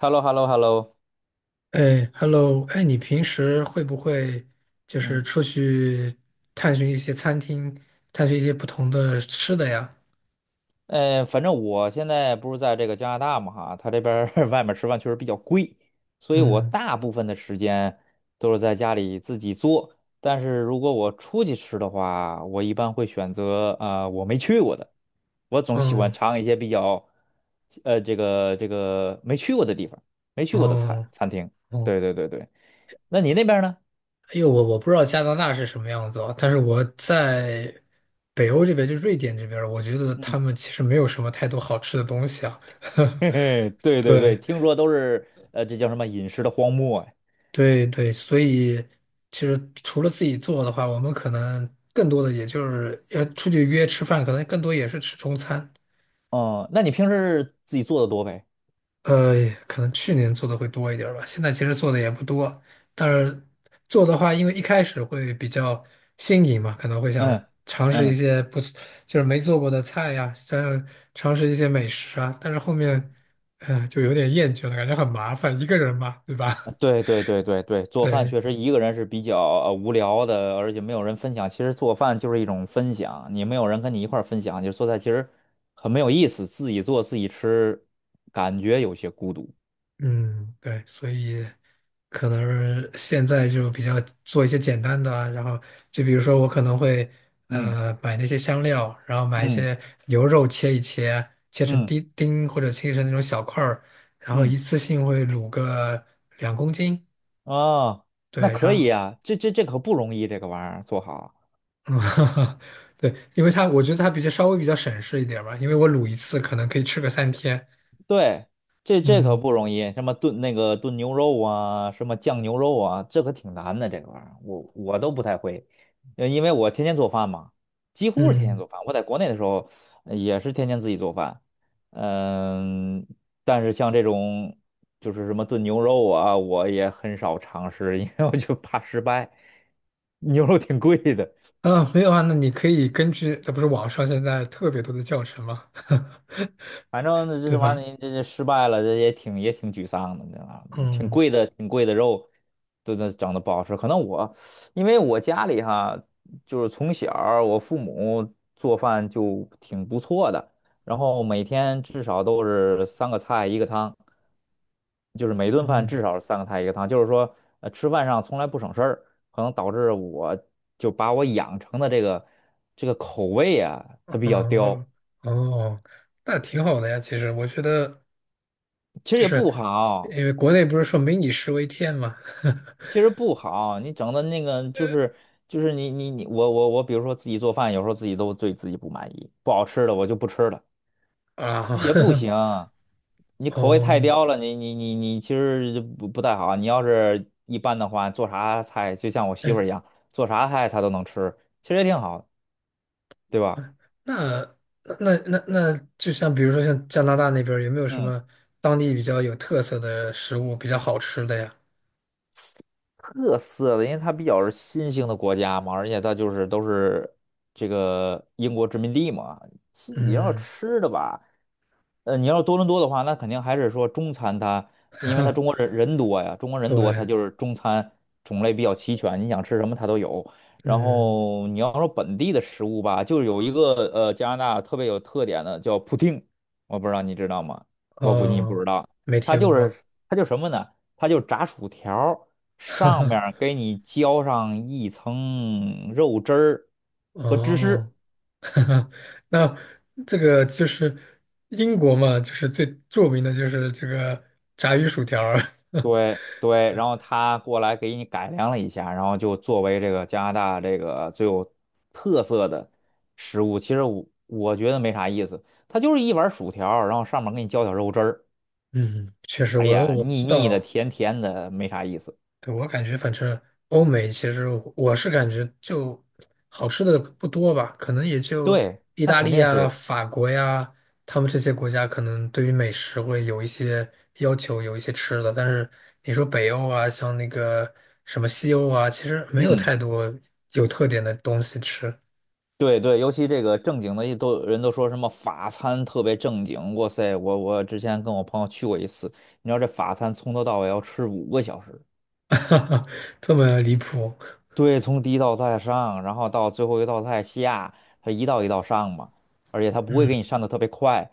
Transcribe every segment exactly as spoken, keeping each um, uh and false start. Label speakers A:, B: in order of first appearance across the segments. A: h e l l o h e l l o h e l l o
B: 哎，Hello，哎，你平时会不会就是
A: 嗯，
B: 出去探寻一些餐厅，探寻一些不同的吃的呀？
A: 呃，反正我现在不是在这个加拿大嘛哈，他这边儿 外面吃饭确实比较贵，所以我
B: 嗯，
A: 大部分的时间都是在家里自己做。但是如果我出去吃的话，我一般会选择啊、呃我没去过的，我总喜欢
B: 嗯，
A: 尝一些比较，呃，这个这个没去过的地方，没去过的餐
B: 哦，
A: 餐厅。
B: 哦，
A: 对对对对，那你那边儿呢？
B: 哎呦，我我不知道加拿大是什么样子啊，但是我在北欧这边，就瑞典这边儿我觉得他
A: 嗯，
B: 们其实没有什么太多好吃的东西啊。
A: 嘿嘿，对对对，
B: 对，
A: 听说都是呃，这叫什么饮食的荒漠呀？
B: 对，对，所以其实除了自己做的话，我们可能更多的也就是要出去约吃饭，可能更多也是吃中餐。
A: 哦，那你平时自己做的多呗？
B: 呃，可能去年做的会多一点儿吧，现在其实做的也不多，但是做的话，因为一开始会比较新颖嘛，可能会想
A: 嗯
B: 尝试一
A: 嗯，
B: 些不，就是没做过的菜呀，想尝试一些美食啊，但是后面，呃，就有点厌倦了，感觉很麻烦，一个人嘛，对吧？
A: 对对对对对，做饭
B: 对，
A: 确实一个人是比较呃无聊的，而且没有人分享。其实做饭就是一种分享，你没有人跟你一块儿分享，就做菜其实很没有意思。自己做自己吃，感觉有些孤独。
B: 嗯，对，所以可能是现在就比较做一些简单的啊然后就比如说我可能会
A: 嗯
B: 呃买那些香料，然后买一
A: 嗯
B: 些牛肉切一切，切成
A: 嗯
B: 丁丁或者切成那种小块儿，然后一
A: 嗯，
B: 次性会卤个两公斤，
A: 哦，那
B: 对，
A: 可
B: 然
A: 以
B: 后
A: 啊，这这这可不容易，这个玩意儿做好。
B: 嗯，对，因为它我觉得它比较稍微比较省事一点儿吧，因为我卤一次可能可以吃个三天，
A: 对，这这可
B: 嗯
A: 不容易，什么炖那个炖牛肉啊，什么酱牛肉啊，这可挺难的，这个玩意儿，我我都不太会，呃因为我天天做饭嘛，几乎是天天
B: 嗯。
A: 做饭。我在国内的时候呃也是天天自己做饭，嗯，但是像这种就是什么炖牛肉啊，我也很少尝试，因为我就怕失败，牛肉挺贵的。
B: 啊，没有啊，那你可以根据，那不是网上现在特别多的教程吗？
A: 反正这
B: 对
A: 这玩意
B: 吧？
A: 儿你这这失败了，这也挺也挺沮丧的，你知道吗？挺
B: 嗯
A: 贵的，挺贵的肉，都都整的不好吃。可能我因为我家里哈，就是从小儿我父母做饭就挺不错的，然后每天至少都是三个菜一个汤，就是每顿饭至
B: 嗯
A: 少是三个菜一个汤，就是说呃吃饭上从来不省事儿，可能导致我就把我养成的这个这个口味啊，它比较刁，
B: 哦哦，那挺好的呀。其实我觉得，
A: 其实
B: 就
A: 也
B: 是
A: 不好。
B: 因为国内不是说“民以食为天”嘛，
A: 其实不好，你整的那个就是就是你你你我我我，比如说自己做饭，有时候自己都对自己不满意，不好吃的我就不吃了，也不
B: 啊，
A: 行。你 口味太
B: 哦，
A: 刁了，你你你你其实就不不太好。你要是一般的话，做啥菜就像我媳妇
B: 哎，
A: 儿一样，做啥菜她都能吃，其实也挺好，对吧？
B: 那那那那，就像比如说像加拿大那边儿有没有什
A: 嗯。
B: 么当地比较有特色的食物比较好吃的呀？
A: 特色的，因为它比较是新兴的国家嘛，而且它就是都是这个英国殖民地嘛。其实你要
B: 嗯，
A: 吃的吧，呃，你要是多伦多的话，那肯定还是说中餐它，因为它中国 人人多呀，中国人多，它
B: 对，
A: 就是中餐种类比较齐全，你想吃什么它都有。然
B: 嗯，
A: 后你要说本地的食物吧，就有一个呃加拿大特别有特点的叫布丁，我不知道你知道吗？我估计你不
B: 哦，
A: 知道，
B: 没
A: 它
B: 听
A: 就是
B: 过。
A: 它就什么呢？它就是炸薯条。
B: 哈
A: 上面
B: 哈，
A: 儿给你浇上一层肉汁儿和芝
B: 哦，
A: 士，
B: 哈哈，那这个就是英国嘛，就是最著名的就是这个炸鱼薯条儿
A: 对对，然后他过来给你改良了一下，然后就作为这个加拿大这个最有特色的食物，其实我我觉得没啥意思，它就是一碗薯条儿然后上面给你浇点肉汁儿，
B: 嗯，确实
A: 哎
B: 我
A: 呀，
B: 我不
A: 腻
B: 知
A: 腻的，
B: 道。
A: 甜甜的，没啥意思。
B: 对，我感觉反正欧美其实我是感觉就好吃的不多吧，可能也就
A: 对，
B: 意
A: 那
B: 大
A: 肯
B: 利
A: 定
B: 呀、
A: 是，
B: 法国呀，他们这些国家可能对于美食会有一些要求，有一些吃的。但是你说北欧啊，像那个什么西欧啊，其实没有
A: 嗯。
B: 太多有特点的东西吃，
A: 对对，尤其这个正经的一都人都说什么法餐特别正经，哇塞，我我之前跟我朋友去过一次，你知道这法餐从头到尾要吃五个小时，
B: 这么离谱。
A: 对，从第一道菜上，然后到最后一道菜下，它一道一道上嘛，而且它不会给你上的特别快，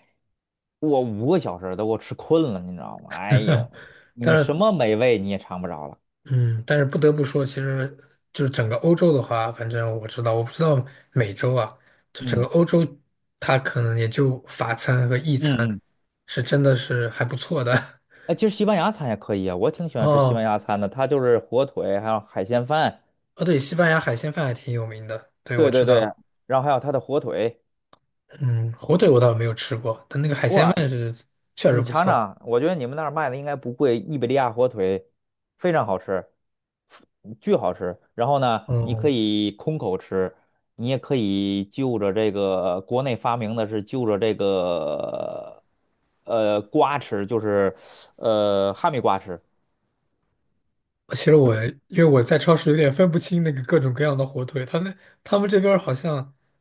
A: 我五个小时都给我吃困了，你知道吗？哎 呦，你
B: 但
A: 什
B: 是
A: 么美味你也尝不着了。
B: 嗯，但是不得不说，其实就是整个欧洲的话，反正我知道，我不知道美洲啊，就整个
A: 嗯
B: 欧洲，它可能也就法餐和意餐
A: 嗯嗯，
B: 是真的是还不错的。
A: 哎，其实西班牙餐也可以啊，我挺喜 欢吃西班
B: 哦，
A: 牙餐的，它就是火腿还有海鲜饭。
B: 哦，对，西班牙海鲜饭还挺有名的，对，我
A: 对
B: 知
A: 对对，
B: 道。
A: 然后还有它的火腿，
B: 嗯，火腿我倒是没有吃过，但那个海鲜
A: 哇，
B: 饭是确实
A: 你
B: 不
A: 尝
B: 错。
A: 尝，我觉得你们那儿卖的应该不贵，伊比利亚火腿非常好吃，巨好吃。然后呢，你可
B: 嗯。
A: 以空口吃，你也可以就着这个国内发明的是就着这个呃瓜吃，就是呃哈密瓜吃。
B: 其实我因为我在超市有点分不清那个各种各样的火腿，他们他们这边儿好像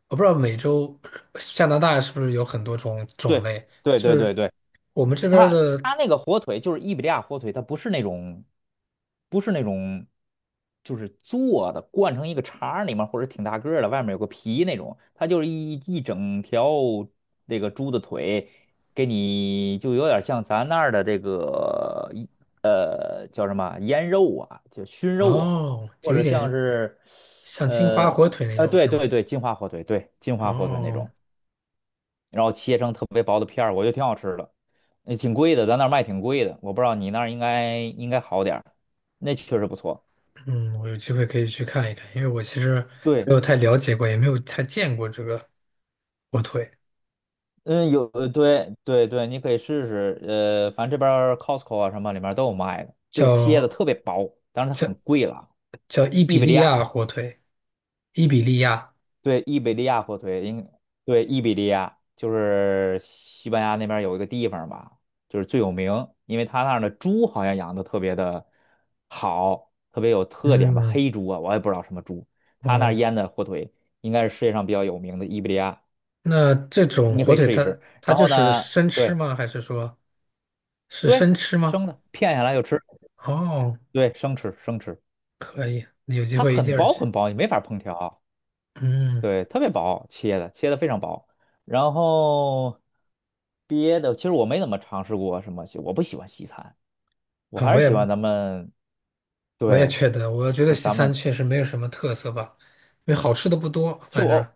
B: 我不知道美洲加拿大是不是有很多种种
A: 对
B: 类，
A: 对
B: 就
A: 对
B: 是
A: 对对。
B: 我们这边儿
A: 他
B: 的
A: 他那个火腿就是伊比利亚火腿，它不是那种，不是那种，就是做的灌成一个肠儿里面，或者挺大个儿的，外面有个皮那种，它就是一一整条这个猪的腿，给你就有点像咱那儿的这个一呃叫什么腌肉啊，就熏肉啊，
B: 哦，
A: 或
B: 就有
A: 者像
B: 点
A: 是
B: 像金华
A: 呃
B: 火腿那
A: 呃
B: 种
A: 对
B: 是吗？
A: 对对，金华火腿，对金华火腿那
B: 哦，
A: 种。然后切成特别薄的片儿，我觉得挺好吃的，也挺贵的，咱那儿卖挺贵的，我不知道你那儿应该应该好点儿，那确实不错。
B: 嗯，我有机会可以去看一看，因为我其实没
A: 对，
B: 有太了解过，也没有太见过这个火腿，
A: 嗯，有，呃对对对，你可以试试，呃，反正这边儿 Costco 啊什么里面都有卖的，就是切的
B: 叫
A: 特别薄，但是它很
B: 叫
A: 贵了啊，
B: 叫伊
A: 伊
B: 比
A: 比利
B: 利
A: 亚
B: 亚火腿，伊比利亚，
A: 对，伊比利亚火腿，应对伊比利亚就是西班牙那边有一个地方吧，就是最有名，因为他那儿的猪好像养的特别的好，特别有特点吧，
B: 嗯。
A: 黑猪啊，我也不知道什么猪，他那儿
B: 哦。
A: 腌的火腿应该是世界上比较有名的伊比利亚，
B: 那这种
A: 你可
B: 火
A: 以
B: 腿
A: 试一
B: 它
A: 试。
B: 它
A: 然
B: 就
A: 后
B: 是
A: 呢，
B: 生吃
A: 对
B: 吗？还是说是
A: 对，
B: 生吃吗？
A: 生的片下来就吃，
B: 哦，
A: 对，生吃生吃，
B: 可以，有机
A: 它
B: 会一定
A: 很
B: 要
A: 薄
B: 去。
A: 很薄，你没法烹调。
B: 嗯，
A: 对，特别薄，切的切的非常薄，然后别的，其实我没怎么尝试过什么西我不喜欢西餐，我
B: 啊，
A: 还
B: 我
A: 是
B: 也
A: 喜欢咱们，
B: 我也
A: 对，
B: 觉得，我觉得
A: 咱
B: 西
A: 咱
B: 餐
A: 们
B: 确实没有什么特色吧，因为好吃的不多，
A: 就
B: 反正
A: 偶，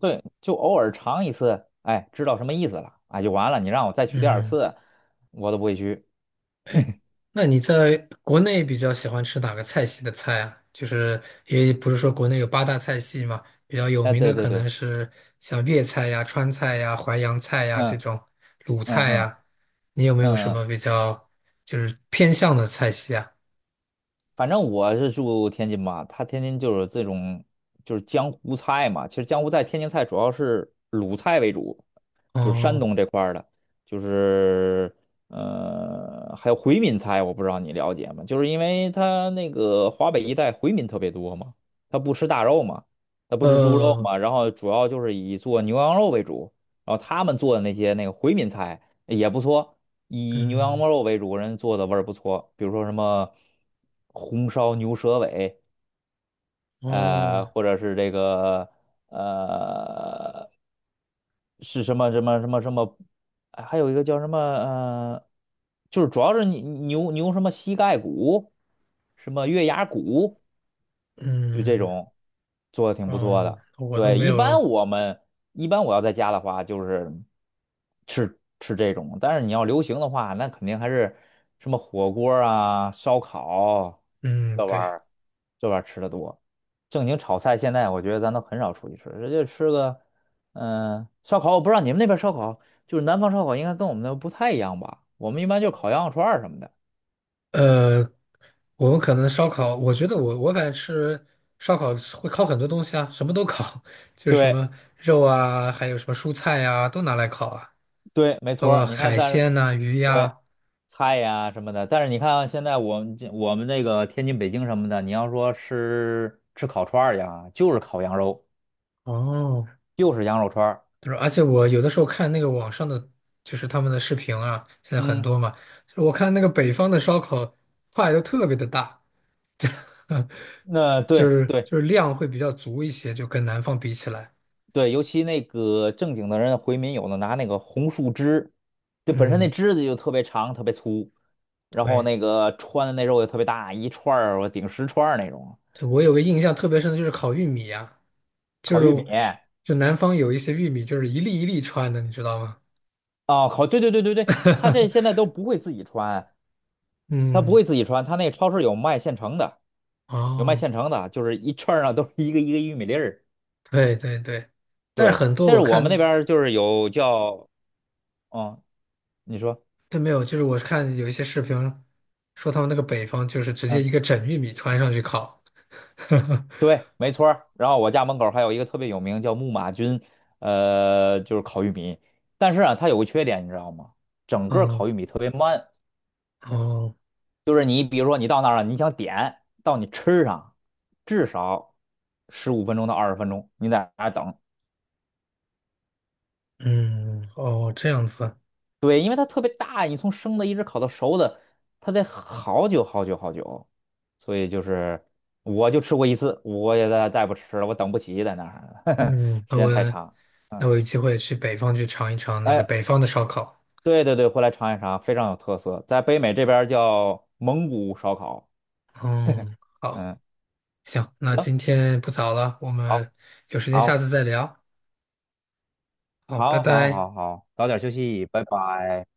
A: 对，就偶尔尝一次，哎，知道什么意思了，哎，就完了。你让我再去第二
B: 嗯。
A: 次，我都不会去。
B: 那你在国内比较喜欢吃哪个菜系的菜啊？就是也不是说国内有八大菜系嘛，比较有
A: 哎，
B: 名
A: 对
B: 的
A: 对
B: 可
A: 对，
B: 能是像粤菜呀、川菜呀、淮扬菜呀这
A: 嗯
B: 种鲁
A: 嗯
B: 菜
A: 嗯
B: 呀，你有没有什
A: 嗯嗯，
B: 么比较就是偏向的菜系啊？
A: 反正我是住天津嘛，它天津就是这种就是江湖菜嘛。其实江湖菜、天津菜主要是鲁菜为主，就是山
B: 哦，
A: 东这块儿的，就是呃还有回民菜，我不知道你了解吗？就是因为它那个华北一带回民特别多嘛，他不吃大肉嘛，他不吃猪肉
B: 呃，
A: 嘛，然后主要就是以做牛羊肉为主，然后他们做的那些那个回民菜也不错。以牛羊
B: 嗯，
A: 肉为主，人做的味儿不错，比如说什么红烧牛舌尾，呃，
B: 哦，
A: 或者是这个呃是什么什么什么什么，还有一个叫什么呃，就是主要是你牛牛什么膝盖骨，什么月牙骨，就这
B: 嗯，
A: 种做的挺不错
B: 哦，
A: 的。
B: 我都
A: 对，
B: 没
A: 一般
B: 有，
A: 我们一般我要在家的话，就是。吃这种，但是你要流行的话，那肯定还是什么火锅啊、烧烤
B: 嗯，
A: 这玩意
B: 对。
A: 儿，这玩意儿吃的多。正经炒菜，现在我觉得咱都很少出去吃，直接吃个嗯、呃烧烤。我不知道你们那边烧烤，就是南方烧烤应该跟我们那不太一样吧？我们一般就烤羊肉串儿什么的。
B: 呃，我们可能烧烤，我觉得我我反正吃烧烤会烤很多东西啊，什么都烤，就是什
A: 对
B: 么肉啊，还有什么蔬菜呀、都拿来烤啊，
A: 对，没
B: 包
A: 错儿
B: 括
A: 你看，
B: 海
A: 但是
B: 鲜呐、鱼
A: 对
B: 呀、
A: 菜呀、什么的，但是你看现在我们这我们那个天津、北京什么的，你要说吃吃烤串儿呀，就是烤羊肉，
B: 哦，
A: 就是羊肉串儿。
B: 就是而且我有的时候看那个网上的，就是他们的视频啊，现在很
A: 嗯，
B: 多嘛，就是我看那个北方的烧烤块都特别的大，
A: 那
B: 就
A: 对
B: 是
A: 对
B: 就是量会比较足一些，就跟南方比起来，
A: 对，尤其那个正经的人回民有的拿那个红树枝，就本身那
B: 嗯，
A: 枝子就特别长、特别粗，然后
B: 对，
A: 那个穿的那肉也特别大，一串儿我顶十串儿那种。
B: 对我有个印象特别深的就是烤玉米呀、就
A: 烤
B: 是
A: 玉米
B: 就南方有一些玉米，就是一粒一粒穿的，你知道吗？
A: 啊，烤，对对对对对，他这现在 都不会自己穿，他不
B: 嗯，
A: 会自己穿，他那超市有卖现成的，有卖
B: 哦，
A: 现成的，就是一串儿上都是一个一个玉米粒儿。
B: 对对对，但是
A: 对，
B: 很多
A: 但是
B: 我
A: 我们那
B: 看
A: 边儿就是有叫，嗯，你说。
B: 都没有，就是我看有一些视频说他们那个北方就是直接
A: 嗯。
B: 一个整玉米穿上去烤。
A: 对，没错儿。然后我家门口还有一个特别有名叫木马军，呃，就是烤玉米。但是啊，它有个缺点，你知道吗？整个
B: 哦
A: 烤玉米特别慢，
B: 哦，
A: 就是你比如说你到那儿了，你想点到你吃上，至少十五分钟到二十分钟，你在那儿等。
B: 嗯哦，这样子，
A: 对，因为它特别大，你从生的一直烤到熟的，它得好久好久好久。所以就是我就吃过一次，我也再再不吃了，我等不起在那儿，
B: 嗯，
A: 时
B: 那我
A: 间太长。
B: 那
A: 嗯。
B: 我有机会去北方去尝一尝那个
A: 哎。
B: 北方的烧烤。
A: 对对对，回来尝一尝，非常有特色，在北美这边儿叫蒙古烧烤。
B: 嗯，好，
A: 嗯，
B: 行，那
A: 行，
B: 今天不早了，我
A: 好，
B: 们有时间下
A: 好，
B: 次再聊。好，拜
A: 好，好，
B: 拜。
A: 好，好，早点休息，拜拜。